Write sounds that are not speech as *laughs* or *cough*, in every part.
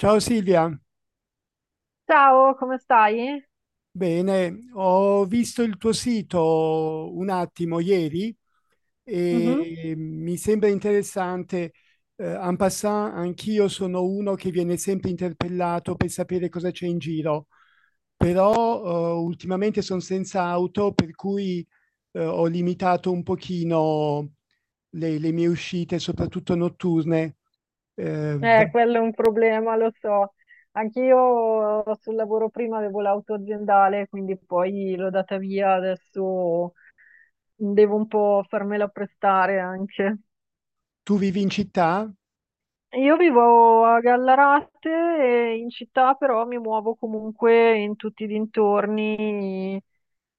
Ciao Silvia. Ciao, come stai? Bene, ho visto il tuo sito un attimo ieri Mhm. e mi sembra interessante. En passant, anch'io sono uno che viene sempre interpellato per sapere cosa c'è in giro, però ultimamente sono senza auto, per cui ho limitato un pochino le mie uscite, soprattutto notturne. Eh, va- Quello è un problema, lo so. Anch'io sul lavoro prima avevo l'auto aziendale, quindi poi l'ho data via, adesso devo un po' farmela prestare anche. Tu vivi in città? Io vivo a Gallarate, e in città però mi muovo comunque in tutti i dintorni,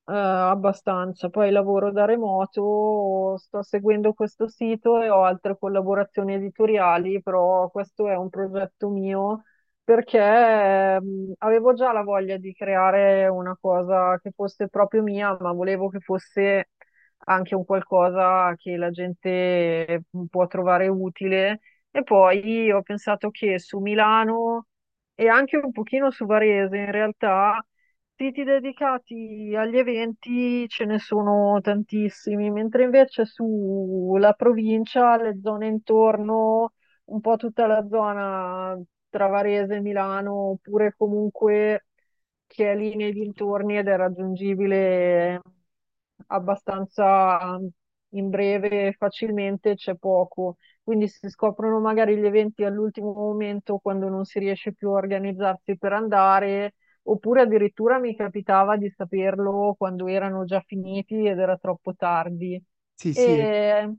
abbastanza. Poi lavoro da remoto, sto seguendo questo sito e ho altre collaborazioni editoriali, però questo è un progetto mio perché, avevo già la voglia di creare una cosa che fosse proprio mia, ma volevo che fosse anche un qualcosa che la gente può trovare utile e poi ho pensato che su Milano e anche un pochino su Varese, in realtà, siti dedicati agli eventi ce ne sono tantissimi, mentre invece sulla provincia, le zone intorno, un po' tutta la zona tra Varese e Milano, oppure comunque che è lì nei dintorni ed è raggiungibile abbastanza in breve e facilmente, c'è poco. Quindi si scoprono magari gli eventi all'ultimo momento quando non si riesce più a organizzarsi per andare, oppure addirittura mi capitava di saperlo quando erano già finiti ed era troppo tardi. Sì, sì. E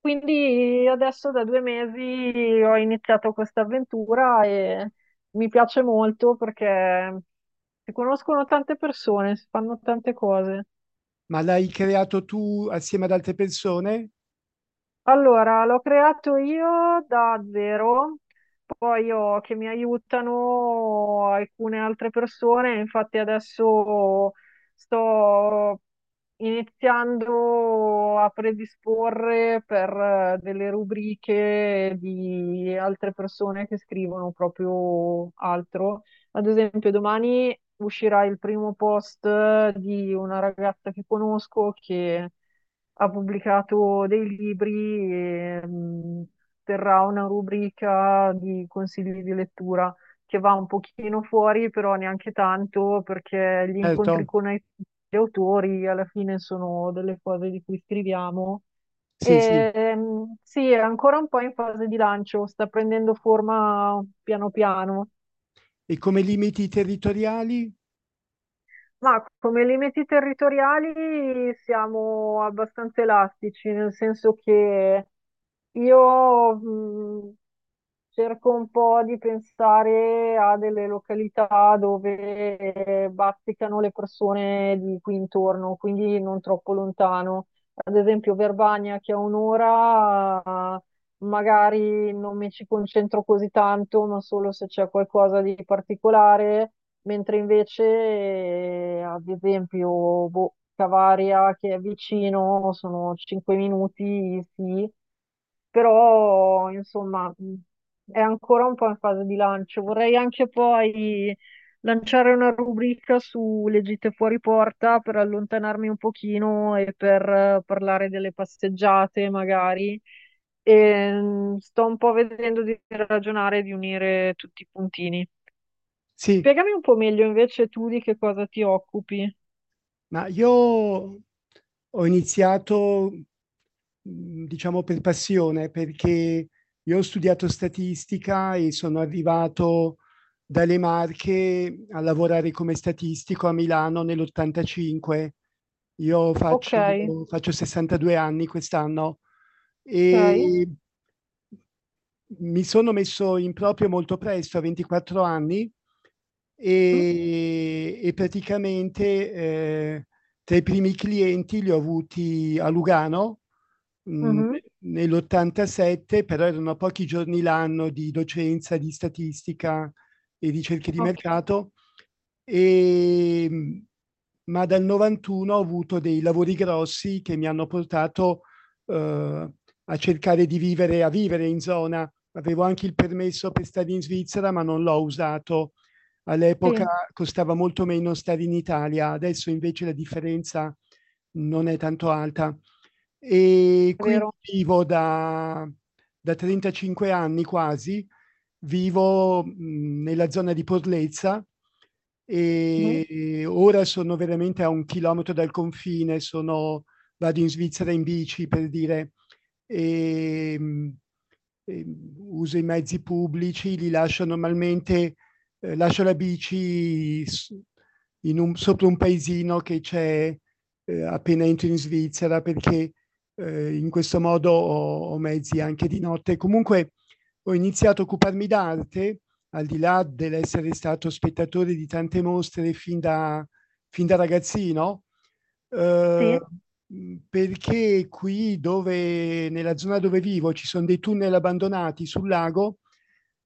quindi adesso da 2 mesi ho iniziato questa avventura e mi piace molto perché si conoscono tante persone, si fanno tante cose. Ma l'hai creato tu assieme ad altre persone? Allora, l'ho creato io da zero, poi ho che mi aiutano alcune altre persone, infatti adesso sto iniziando a predisporre per delle rubriche di altre persone che scrivono proprio altro, ad esempio, domani uscirà il primo post di una ragazza che conosco che ha pubblicato dei libri e terrà una rubrica di consigli di lettura che va un pochino fuori, però neanche tanto, perché gli Certo, incontri con gli autori alla fine sono delle cose di cui scriviamo. sì, sì. E, sì, è ancora un po' in fase di lancio, sta prendendo forma piano piano. E come limiti territoriali? Ma come limiti territoriali siamo abbastanza elastici, nel senso che io, cerco un po' di pensare a delle località dove bazzicano le persone di qui intorno, quindi non troppo lontano. Ad esempio Verbania, che a un'ora, magari non mi ci concentro così tanto, ma solo se c'è qualcosa di particolare, mentre invece, ad esempio, boh, Cavaria, che è vicino, sono 5 minuti, sì però insomma è ancora un po' in fase di lancio. Vorrei anche poi lanciare una rubrica sulle gite fuori porta per allontanarmi un pochino e per parlare delle passeggiate magari. E, sto un po' vedendo di ragionare e di unire tutti i puntini. Sì, Spiegami un po' meglio invece tu di che cosa ti occupi. ma io ho iniziato, diciamo per passione, perché io ho studiato statistica e sono arrivato dalle Marche a lavorare come statistico a Milano nell'85. Io Ok, faccio 62 anni quest'anno. ok. E mi sono messo in proprio molto presto, a 24 anni, Mhm. e praticamente, tra i primi clienti li ho avuti a Lugano, mhmm, Mhm. nell'87, però erano a pochi giorni l'anno di docenza di statistica e ricerche di Ok. mercato, ehm, ma dal 91 ho avuto dei lavori grossi che mi hanno portato, uhm, a cercare di vivere in zona. Avevo anche il permesso per stare in Svizzera, ma non l'ho usato. Sì, All'epoca è costava molto meno stare in Italia, adesso invece la differenza non è tanto alta. E quindi vero. vivo da 35 anni quasi, vivo, nella zona di Porlezza. Mhm. Ora sono veramente a 1 chilometro dal confine, sono vado in Svizzera in bici per dire. ehm, Uso i mezzi pubblici, li lascio normalmente, lascio la bici sopra un paesino che c'è, appena entro in Svizzera, perché in questo modo ho mezzi anche di notte. Comunque ho iniziato a occuparmi d'arte, al di là dell'essere stato spettatore di tante mostre fin da ragazzino, eh, Sì. perché nella zona dove vivo ci sono dei tunnel abbandonati sul lago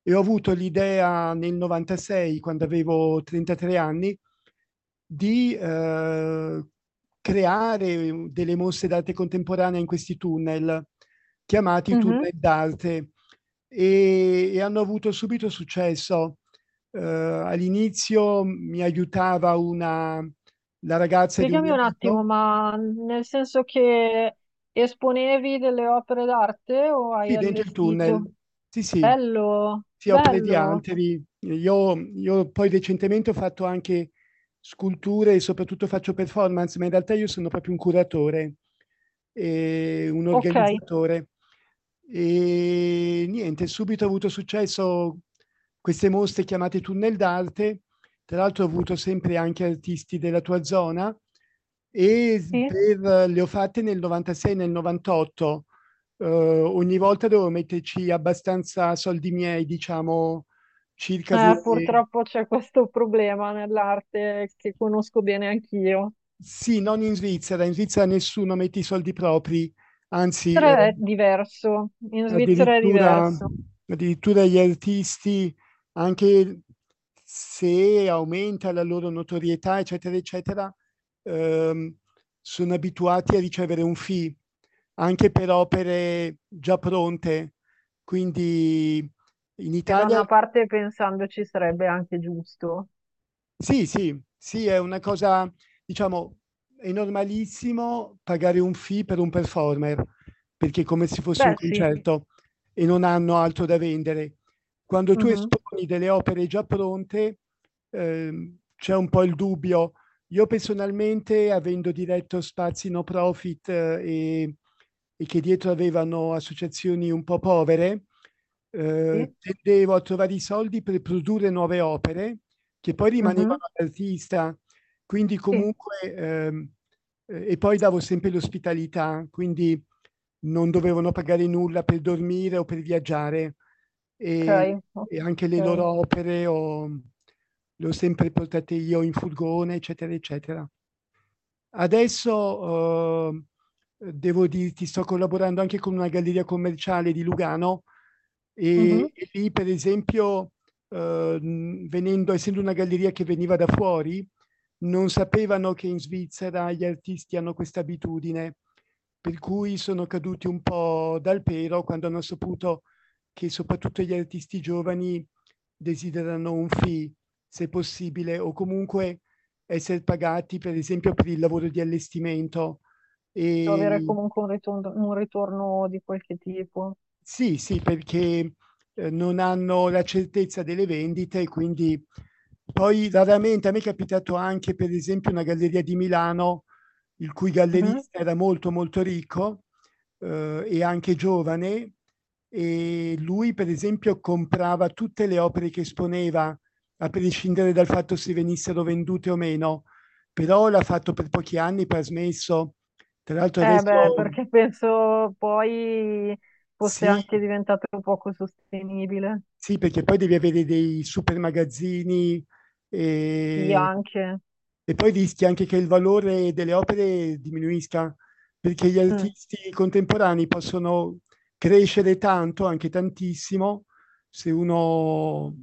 e ho avuto l'idea nel 96, quando avevo 33 anni, di creare delle mostre d'arte contemporanea in questi tunnel, chiamati Mm-hmm. tunnel d'arte, e hanno avuto subito successo. All'inizio mi aiutava la ragazza di un Spiegami mio un attimo, amico. ma nel senso che esponevi delle opere d'arte o hai Sì, dentro il allestito? tunnel. Sì, sì. Bello, Sì, opere di bello. altri. Io poi recentemente ho fatto anche sculture e soprattutto faccio performance, ma in realtà io sono proprio un curatore e un Ok, organizzatore. Niente, subito ho avuto successo queste mostre chiamate Tunnel d'arte, tra l'altro ho avuto sempre anche artisti della tua zona e s sì. per le ho fatte nel '96 e nel '98, ogni volta devo metterci abbastanza soldi miei, diciamo circa due... Purtroppo c'è questo problema nell'arte che conosco bene anch'io. Sì, non in Svizzera, in Svizzera nessuno mette i soldi propri, anzi Però è diverso, in Svizzera è addirittura, diverso, addirittura gli artisti, anche se aumenta la loro notorietà, eccetera, eccetera, ehm, sono abituati a ricevere un fee anche per opere già pronte. Quindi in che da Italia. una parte pensandoci sarebbe anche giusto. Sì, sì, sì, è una cosa, diciamo. È normalissimo pagare un fee per un performer, perché è come se fosse un Beh, sì. concerto e non hanno altro da vendere. Quando tu Mhm. esponi delle opere già pronte, c'è un po' il dubbio. Io personalmente, avendo diretto spazi no profit, e e che dietro avevano associazioni un po' povere, Sì. tendevo a trovare i soldi per produrre nuove opere che poi Mhm. rimanevano all'artista, quindi Sì. comunque, e poi davo sempre l'ospitalità, quindi non dovevano pagare nulla per dormire o per viaggiare e, Ok. e anche le loro Ok. opere, le ho sempre portate io in furgone, eccetera, eccetera. Adesso devo dirti, sto collaborando anche con una galleria commerciale di Lugano Mhm. e lì per esempio, venendo essendo una galleria che veniva da fuori, non sapevano che in Svizzera gli artisti hanno questa abitudine, per cui sono caduti un po' dal pero quando hanno saputo che soprattutto gli artisti giovani desiderano un fee, se possibile, o comunque essere pagati per esempio per il lavoro di allestimento. Devo avere e comunque un ritorno di qualche tipo. Sì, sì, perché, non hanno la certezza delle vendite e quindi poi raramente a me è capitato anche, per esempio, una galleria di Milano, il cui Mhm. gallerista era molto, molto ricco, e anche giovane, e lui, per esempio, comprava tutte le opere che esponeva, a prescindere dal fatto se venissero vendute o meno, però l'ha fatto per pochi anni, poi ha smesso. Tra l'altro Eh beh, *laughs* adesso. perché penso poi fosse Sì. anche diventato poco sostenibile. Sì, perché poi devi avere dei super magazzini, Sì, ehm, anche. e poi rischi anche che il valore delle opere diminuisca, perché gli Mm. artisti contemporanei possono crescere tanto, anche tantissimo, se uno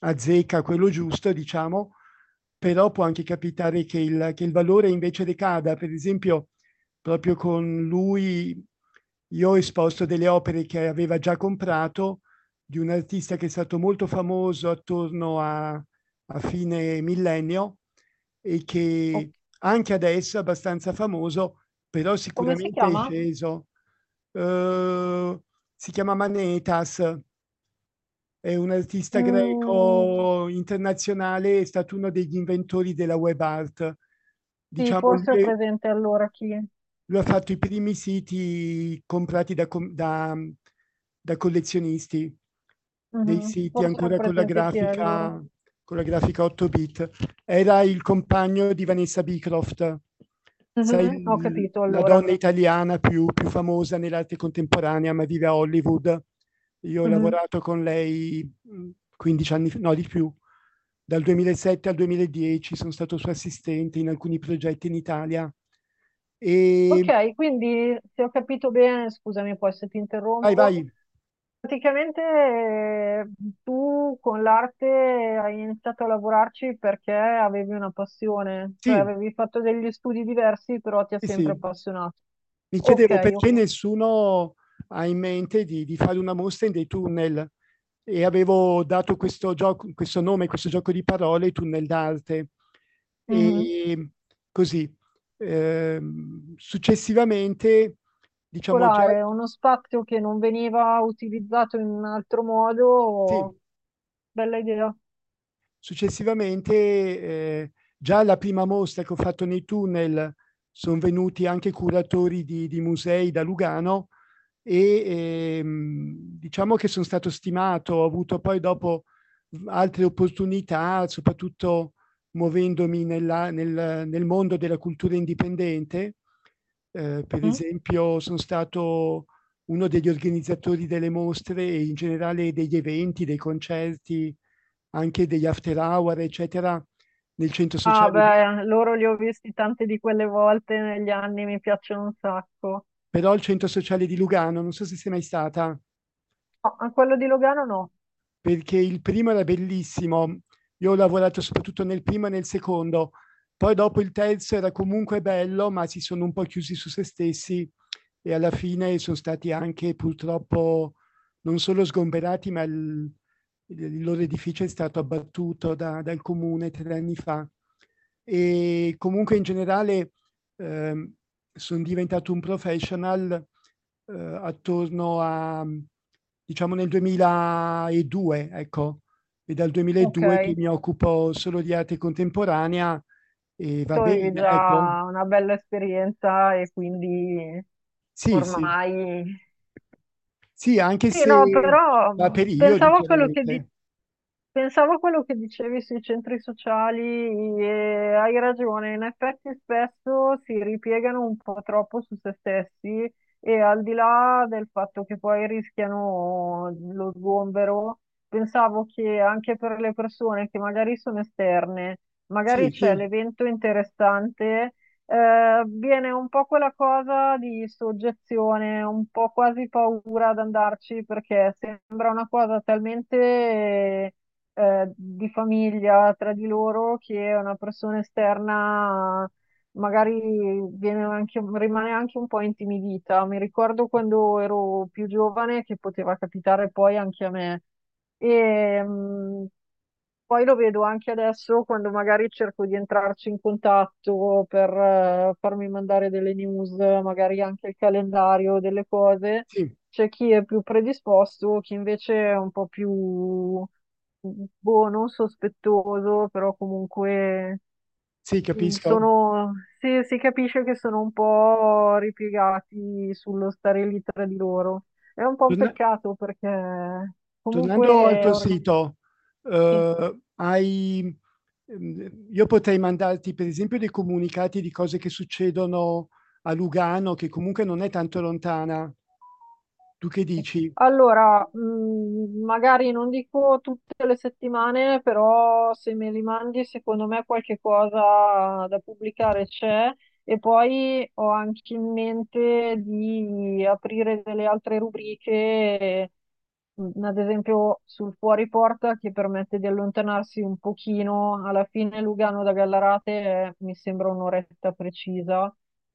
azzecca quello giusto, diciamo, però può anche capitare che il valore invece decada. Per esempio, proprio con lui io ho esposto delle opere che aveva già comprato di un artista che è stato molto famoso attorno a fine millennio e O- che anche adesso è abbastanza famoso, però Come si sicuramente è chiama? sceso. Eh, si chiama Manetas, è un artista Mm, greco internazionale, è stato uno degli inventori della web art. sì, Diciamo, forse ho presente allora chi è. lui ha fatto i primi siti comprati da collezionisti, dei Mhm. siti Forse ho ancora presente chi è allora. Con la grafica 8 bit. Era il compagno di Vanessa Beecroft, sai, Mhm, ho capito la allora. donna italiana più famosa nell'arte contemporanea, ma vive a Hollywood. Io ho Mhm. lavorato con lei 15 anni, no di più, dal 2007 al 2010 sono stato suo assistente in alcuni progetti in Italia. E Ok, quindi se ho capito bene, scusami poi se ti vai, interrompo, vai, praticamente tu con l'arte hai iniziato a lavorarci perché avevi una passione, cioè sì, avevi fatto degli studi diversi, però ti ha sì, sempre sì. appassionato. Mi Ok, chiedevo perché ok. nessuno ha in mente di fare una mostra in dei tunnel e avevo dato questo nome, questo gioco di parole, tunnel d'arte. Mhm. E così, eh, successivamente, diciamo già, Particolare, uno spazio che non veniva utilizzato in un altro modo, sì. bella idea. Successivamente, già alla prima mostra che ho fatto nei tunnel, sono venuti anche curatori di musei da Lugano e diciamo che sono stato stimato, ho avuto poi dopo altre opportunità, soprattutto muovendomi nel mondo della cultura indipendente. Per Mm? esempio sono stato uno degli organizzatori delle mostre e in generale degli eventi, dei concerti, anche degli after hour, eccetera, nel centro Ah, sociale di. beh, loro li ho visti tante di quelle volte negli anni, mi piacciono un sacco. Però il centro sociale di Lugano, non so se sei mai stata. No, a quello di Logano no. Perché il primo era bellissimo. Io ho lavorato soprattutto nel primo e nel secondo. Poi dopo il terzo era comunque bello, ma si sono un po' chiusi su se stessi e alla fine sono stati anche purtroppo non solo sgomberati, ma il loro edificio è stato abbattuto dal comune 3 anni fa. E comunque in generale, eh, sono diventato un professional, eh, attorno a, diciamo, nel 2002, ecco, e dal Ok, 2002 che mi occupo solo di arte contemporanea, e va tu avevi bene, ecco. già una bella esperienza e quindi Sì, sì. ormai... Sì, anche Sì, no, se però da periodi pensavo a quello che, chiaramente. pensavo a quello che dicevi sui centri sociali e hai ragione, in effetti spesso si ripiegano un po' troppo su se stessi e al di là del fatto che poi rischiano lo sgombero, pensavo che anche per le persone che magari sono esterne, magari Sì, c'è sì, l'evento interessante, viene un po' quella cosa di soggezione, un po' quasi paura ad andarci perché sembra una cosa talmente di famiglia tra di loro che una persona esterna magari rimane anche un po' intimidita. Mi ricordo quando ero più giovane che poteva capitare poi anche a me. E, poi lo vedo anche adesso quando magari cerco di entrarci in contatto per farmi mandare delle news, magari anche il calendario, delle cose. sì, C'è chi è più predisposto, chi invece è un po' più boh, non sospettoso, però comunque sì, capisco. sono, si capisce che sono un po' ripiegati sullo stare lì tra di loro. È un po' un Torna peccato perché comunque Tornando al tuo sito, uhm, hai io potrei mandarti per esempio dei comunicati di cose che succedono a Lugano, che comunque non è tanto lontana. Tu che dici? allora, magari non dico tutte le settimane, però se me li mandi, secondo me qualche cosa da pubblicare c'è. E poi ho anche in mente di aprire delle altre rubriche, ad esempio sul fuori porta, che permette di allontanarsi un pochino. Alla fine Lugano da Gallarate mi sembra un'oretta precisa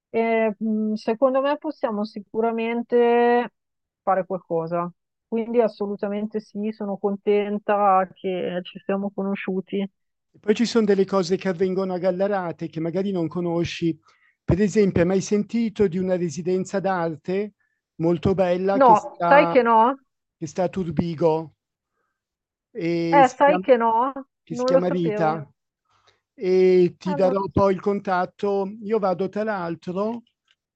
e, secondo me possiamo sicuramente fare qualcosa. Quindi assolutamente sì, sono contenta che ci siamo conosciuti. E poi ci sono delle cose che avvengono a Gallarate che magari non conosci. Per esempio, hai mai sentito di una residenza d'arte molto bella che No, sai sta, che no? che sta a Turbigo e Sai che no? che si Non lo chiama sapevo. Rita? E ti Non lo darò poi il contatto. Io vado tra l'altro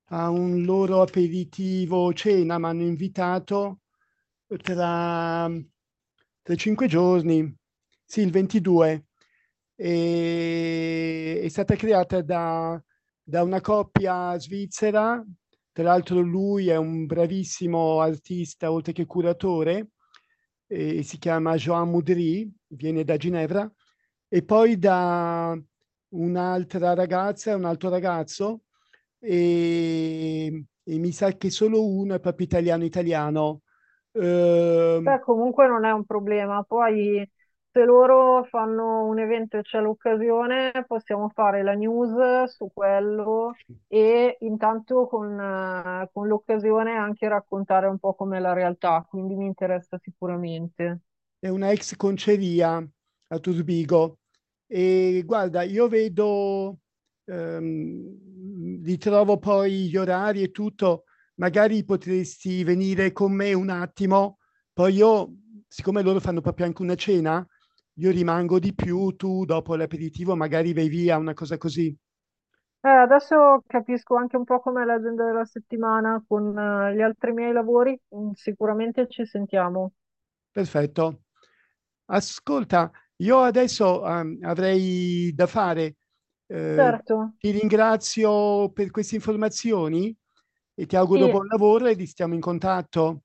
a un loro aperitivo cena, mi hanno invitato tra, tra 5 giorni, sì, il 22. E, è stata creata da una coppia svizzera, tra l'altro lui è un bravissimo artista, oltre che curatore. Si chiama Joan Moudry, viene da Ginevra, e poi da un'altra ragazza e un altro ragazzo, e mi sa che solo uno è proprio italiano italiano. Ehm, Beh, comunque non è un problema. Poi, se loro fanno un evento e c'è l'occasione, possiamo fare la news su quello e intanto con l'occasione anche raccontare un po' com'è la realtà, quindi mi interessa sicuramente. è una ex conceria a Turbigo e guarda, ritrovo poi gli orari e tutto, magari potresti venire con me un attimo, poi io, siccome loro fanno proprio anche una cena, io rimango di più, tu dopo l'aperitivo magari vai via, una cosa così. Adesso capisco anche un po' com'è l'agenda della settimana con, gli altri miei lavori, sicuramente ci sentiamo. Perfetto. Ascolta, io adesso avrei da fare, eh, Certo, ti ringrazio per queste informazioni e ti auguro sì, buon lavoro e stiamo in contatto.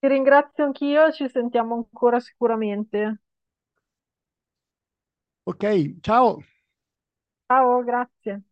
ti ringrazio anch'io, ci sentiamo ancora sicuramente. Ok, ciao. Ciao, grazie.